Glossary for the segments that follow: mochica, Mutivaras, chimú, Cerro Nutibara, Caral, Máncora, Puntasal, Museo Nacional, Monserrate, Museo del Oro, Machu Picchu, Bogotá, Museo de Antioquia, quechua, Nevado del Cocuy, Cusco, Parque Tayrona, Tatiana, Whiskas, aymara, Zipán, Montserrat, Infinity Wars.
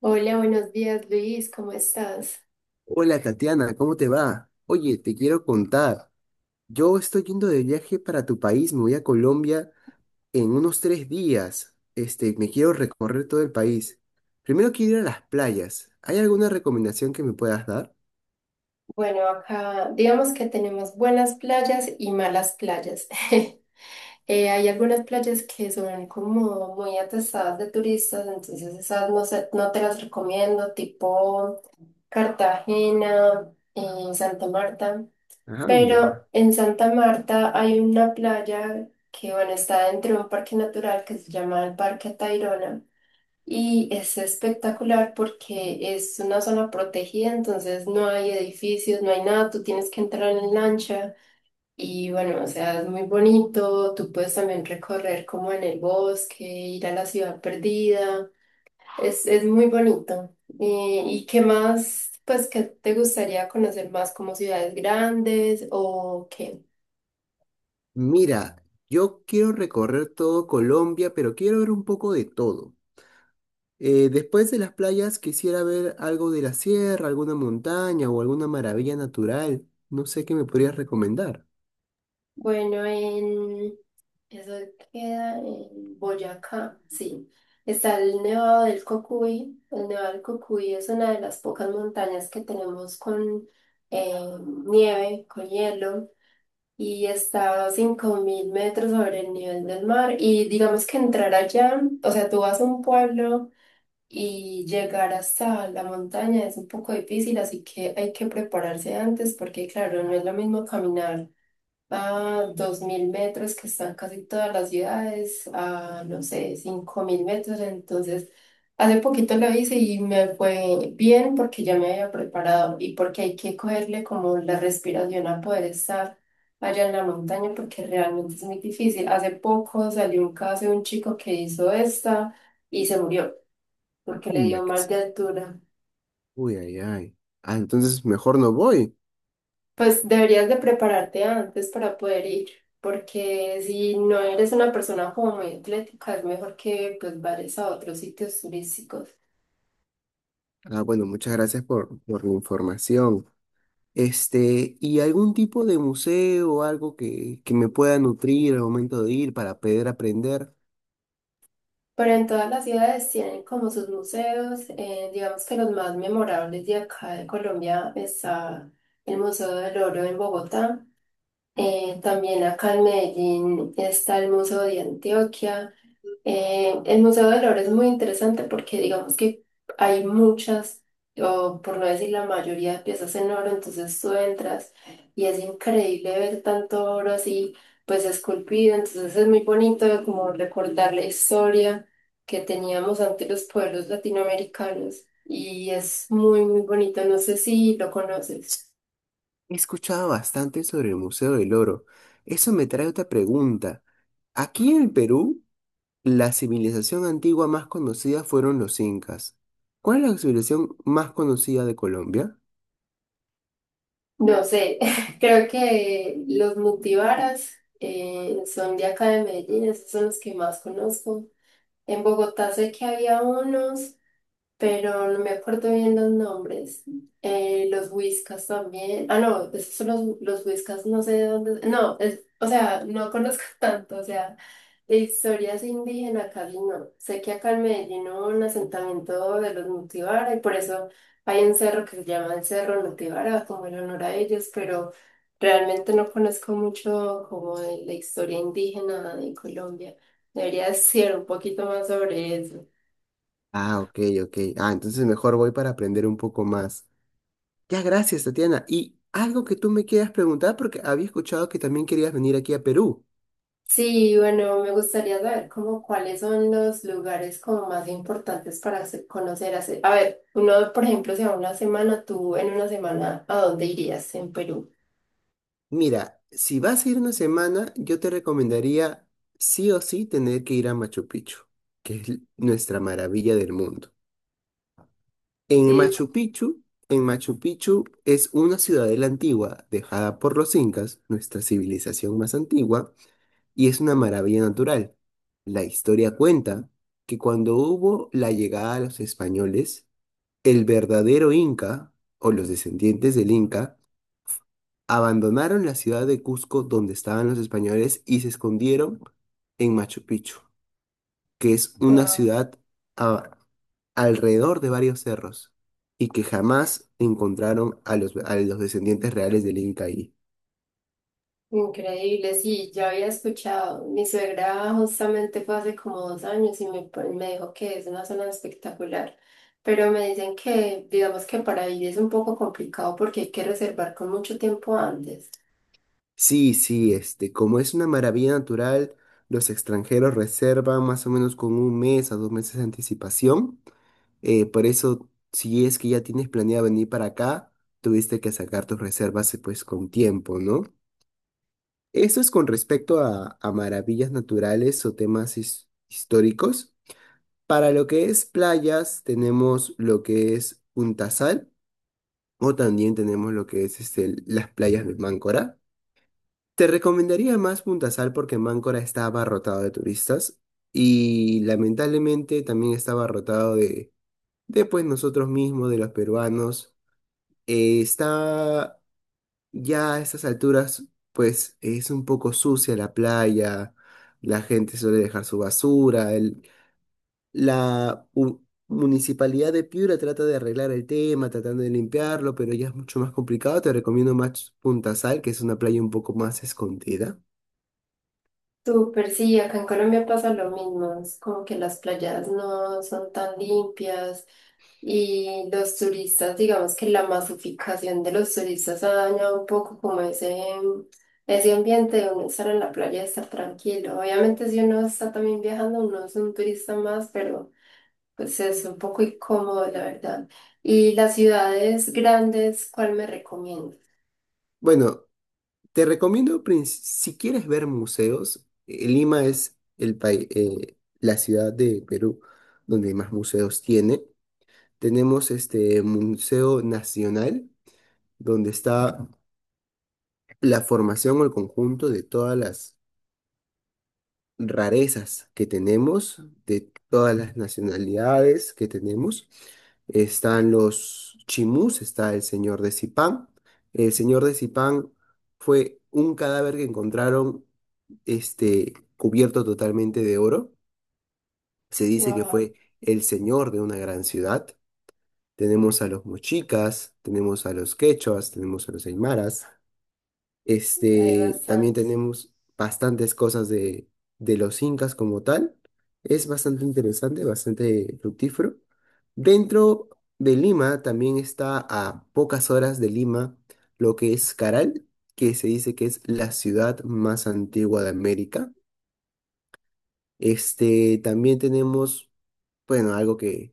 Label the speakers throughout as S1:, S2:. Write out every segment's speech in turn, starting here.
S1: Hola, buenos días Luis, ¿cómo estás?
S2: Hola Tatiana, ¿cómo te va? Oye, te quiero contar. Yo estoy yendo de viaje para tu país, me voy a Colombia en unos 3 días. Me quiero recorrer todo el país. Primero quiero ir a las playas. ¿Hay alguna recomendación que me puedas dar?
S1: Bueno, acá digamos que tenemos buenas playas y malas playas. Hay algunas playas que son como muy atestadas de turistas, entonces esas no, no te las recomiendo, tipo Cartagena, Santa Marta.
S2: Anda.
S1: Pero en Santa Marta hay una playa que, bueno, está dentro de un parque natural que se llama el Parque Tayrona. Y es espectacular porque es una zona protegida, entonces no hay edificios, no hay nada, tú tienes que entrar en lancha y bueno, o sea, es muy bonito, tú puedes también recorrer como en el bosque, ir a la ciudad perdida, es muy bonito. ¿Y qué más, pues, qué te gustaría conocer más como ciudades grandes o qué?
S2: Mira, yo quiero recorrer todo Colombia, pero quiero ver un poco de todo. Después de las playas quisiera ver algo de la sierra, alguna montaña o alguna maravilla natural. No sé qué me podrías recomendar.
S1: Bueno, eso queda en Boyacá, sí. Está el Nevado del Cocuy. El Nevado del Cocuy es una de las pocas montañas que tenemos con eh, nieve, con hielo, y está a 5000 metros sobre el nivel del mar. Y digamos que entrar allá, o sea, tú vas a un pueblo y llegar hasta la montaña es un poco difícil, así que hay que prepararse antes porque, claro, no es lo mismo caminar a 2000 metros que están casi todas las ciudades, a no sé, 5000 metros. Entonces, hace poquito lo hice y me fue bien porque ya me había preparado y porque hay que cogerle como la respiración a poder estar allá en la montaña porque realmente es muy difícil. Hace poco salió un caso de un chico que hizo esta y se murió porque le
S2: Anda,
S1: dio
S2: que
S1: mal de altura.
S2: uy, ay, ay. Ah, entonces mejor no voy.
S1: Pues deberías de prepararte antes para poder ir, porque si no eres una persona como muy atlética, es mejor que pues vayas a otros sitios turísticos.
S2: Ah, bueno, muchas gracias por la información. ¿Y algún tipo de museo o algo que me pueda nutrir al momento de ir para poder aprender?
S1: Pero en todas las ciudades tienen como sus museos, digamos que los más memorables de acá de Colombia está el Museo del Oro en Bogotá, también acá en Medellín está el Museo de Antioquia. El Museo del Oro es muy interesante porque digamos que hay muchas, o por no decir la mayoría de piezas en oro, entonces tú entras y es increíble ver tanto oro así, pues esculpido, entonces es muy bonito como recordar la historia que teníamos ante los pueblos latinoamericanos y es muy, muy bonito, no sé si lo conoces.
S2: He escuchado bastante sobre el Museo del Oro. Eso me trae otra pregunta. Aquí en el Perú, la civilización antigua más conocida fueron los incas. ¿Cuál es la civilización más conocida de Colombia?
S1: No sé, creo que los Mutivaras son de acá de Medellín, esos son los que más conozco. En Bogotá sé que había unos pero no me acuerdo bien los nombres. Los Whiskas también. Ah, no, esos son los Whiskas, no sé de dónde. No, es, o sea, no conozco tanto, o sea, de historias indígenas casi no. Sé que acá en Medellín hubo un asentamiento de los Nutibara y por eso hay un cerro que se llama el Cerro Nutibara, como en honor a ellos, pero realmente no conozco mucho como de la historia indígena de Colombia. Debería decir un poquito más sobre eso.
S2: Ah, ok, ok. Ah, entonces mejor voy para aprender un poco más. Ya, gracias, Tatiana. Y algo que tú me quieras preguntar, porque había escuchado que también querías venir aquí a Perú.
S1: Sí, bueno, me gustaría saber como cuáles son los lugares como más importantes para conocer. A ver, uno, por ejemplo, si a una semana, tú en una semana, ¿a dónde irías en Perú?
S2: Mira, si vas a ir una semana, yo te recomendaría sí o sí tener que ir a Machu Picchu, nuestra maravilla del mundo. En
S1: Sí,
S2: Machu Picchu, en Machu Picchu es una ciudadela antigua dejada por los incas, nuestra civilización más antigua, y es una maravilla natural. La historia cuenta que cuando hubo la llegada de los españoles, el verdadero Inca, o los descendientes del Inca, abandonaron la ciudad de Cusco donde estaban los españoles y se escondieron en Machu Picchu, que es una
S1: ah,
S2: ciudad a- alrededor de varios cerros y que jamás encontraron a los descendientes reales del Inca ahí.
S1: increíble, sí, ya había escuchado. Mi suegra justamente fue hace como 2 años y me dijo que es una zona espectacular, pero me dicen que, digamos que para ir es un poco complicado porque hay que reservar con mucho tiempo antes.
S2: Sí, sí, como es una maravilla natural, los extranjeros reservan más o menos con un mes a 2 meses de anticipación. Por eso, si es que ya tienes planeado venir para acá, tuviste que sacar tus reservas pues con tiempo, ¿no? Eso es con respecto a maravillas naturales o temas históricos. Para lo que es playas, tenemos lo que es Puntasal o también tenemos lo que es las playas de Máncora. Te recomendaría más Puntasal porque Máncora está abarrotado de turistas y lamentablemente también está abarrotado de pues nosotros mismos, de los peruanos. Está ya a estas alturas, pues es un poco sucia la playa, la gente suele dejar su basura, la municipalidad de Piura trata de arreglar el tema, tratando de limpiarlo, pero ya es mucho más complicado. Te recomiendo más Punta Sal, que es una playa un poco más escondida.
S1: Súper, sí, acá en Colombia pasa lo mismo, es como que las playas no son tan limpias y los turistas, digamos que la masificación de los turistas ha dañado un poco como ese ambiente de uno estar en la playa y estar tranquilo. Obviamente si uno está también viajando, uno es un turista más, pero pues es un poco incómodo, la verdad. Y las ciudades grandes, ¿cuál me recomiendas?
S2: Bueno, te recomiendo, si quieres ver museos, Lima es el país, la ciudad de Perú donde más museos tiene. Tenemos Museo Nacional, donde está la formación o el conjunto de todas las rarezas que tenemos, de todas las nacionalidades que tenemos. Están los chimús, está el señor de Zipán. El señor de Zipán fue un cadáver que encontraron cubierto totalmente de oro. Se dice que
S1: Wow,
S2: fue el señor de una gran ciudad. Tenemos a los mochicas, tenemos a los quechuas, tenemos a los aymaras.
S1: hay
S2: También
S1: bastantes.
S2: tenemos bastantes cosas de los incas como tal. Es bastante interesante, bastante fructífero. Dentro de Lima también está a pocas horas de Lima lo que es Caral, que se dice que es la ciudad más antigua de América. También tenemos bueno, algo que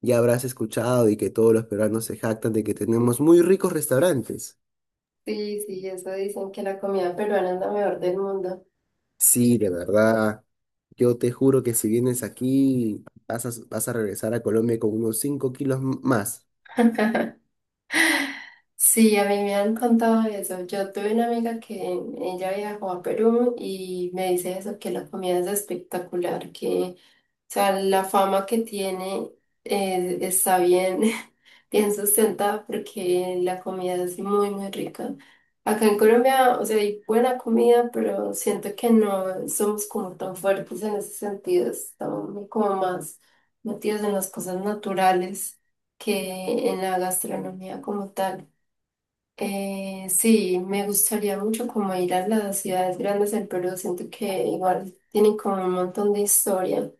S2: ya habrás escuchado y que todos los peruanos se jactan de que tenemos muy ricos restaurantes.
S1: Sí, sí, eso dicen que la comida peruana es la mejor del mundo.
S2: Sí, de verdad. Yo te juro que si vienes aquí, vas a regresar a Colombia con unos 5 kilos más.
S1: Sí, a mí me han contado eso. Yo tuve una amiga que ella viajó a Perú y me dice eso, que la comida es espectacular, que, o sea, la fama que tiene está bien. Bien sustentada porque la comida es muy, muy rica. Acá en Colombia, o sea, hay buena comida, pero siento que no somos como tan fuertes en ese sentido. Estamos como más metidos en las cosas naturales que en la gastronomía como tal. Sí, me gustaría mucho como ir a las ciudades grandes del Perú. Siento que igual tienen como un montón de historia.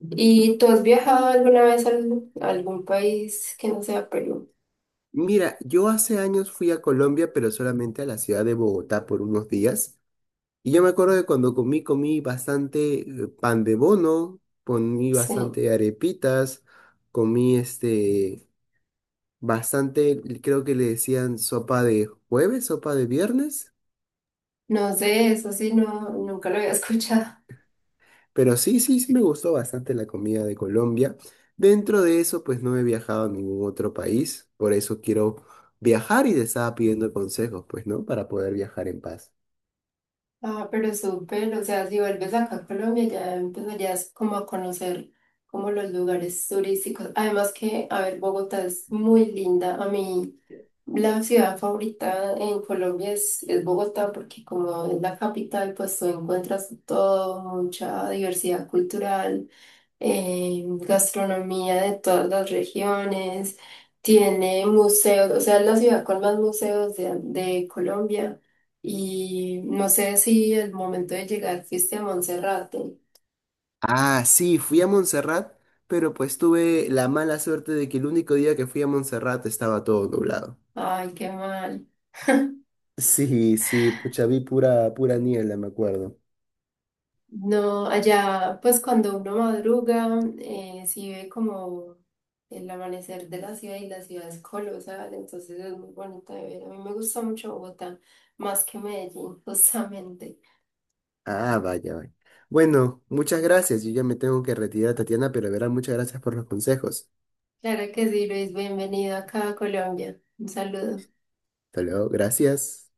S1: ¿Y tú has viajado alguna vez a algún país que no sea Perú?
S2: Mira, yo hace años fui a Colombia, pero solamente a la ciudad de Bogotá por unos días. Y yo me acuerdo de cuando comí bastante pan de bono, comí
S1: Sí.
S2: bastante arepitas, comí bastante, creo que le decían sopa de jueves, sopa de viernes,
S1: No sé, eso sí, no, nunca lo había escuchado.
S2: pero sí, sí me gustó bastante la comida de Colombia. Dentro de eso, pues no he viajado a ningún otro país, por eso quiero viajar y te estaba pidiendo consejos, pues, ¿no? Para poder viajar en paz.
S1: Ah, pero súper, o sea, si vuelves acá a Colombia ya empezarías como a conocer como los lugares turísticos. Además que, a ver, Bogotá es muy linda. A mí la ciudad favorita en Colombia es Bogotá porque como es la capital, pues tú encuentras todo, mucha diversidad cultural. Gastronomía de todas las regiones, tiene museos, o sea, es la ciudad con más museos de Colombia. Y no sé si el momento de llegar fuiste a Monserrate.
S2: Ah, sí, fui a Montserrat, pero pues tuve la mala suerte de que el único día que fui a Montserrat estaba todo nublado.
S1: Ay, qué mal.
S2: Sí, sí, pucha, vi pura niebla, me acuerdo.
S1: No, allá, pues cuando uno madruga, sí ve como el amanecer de la ciudad y la ciudad es colosal, entonces es muy bonita de ver. A mí me gusta mucho Bogotá, más que Medellín, justamente.
S2: Ah, vaya, vaya. Bueno, muchas gracias. Yo ya me tengo que retirar, Tatiana, pero de verdad, muchas gracias por los consejos.
S1: Claro que sí, Luis. Bienvenido acá a Colombia. Un saludo.
S2: Hasta luego, gracias.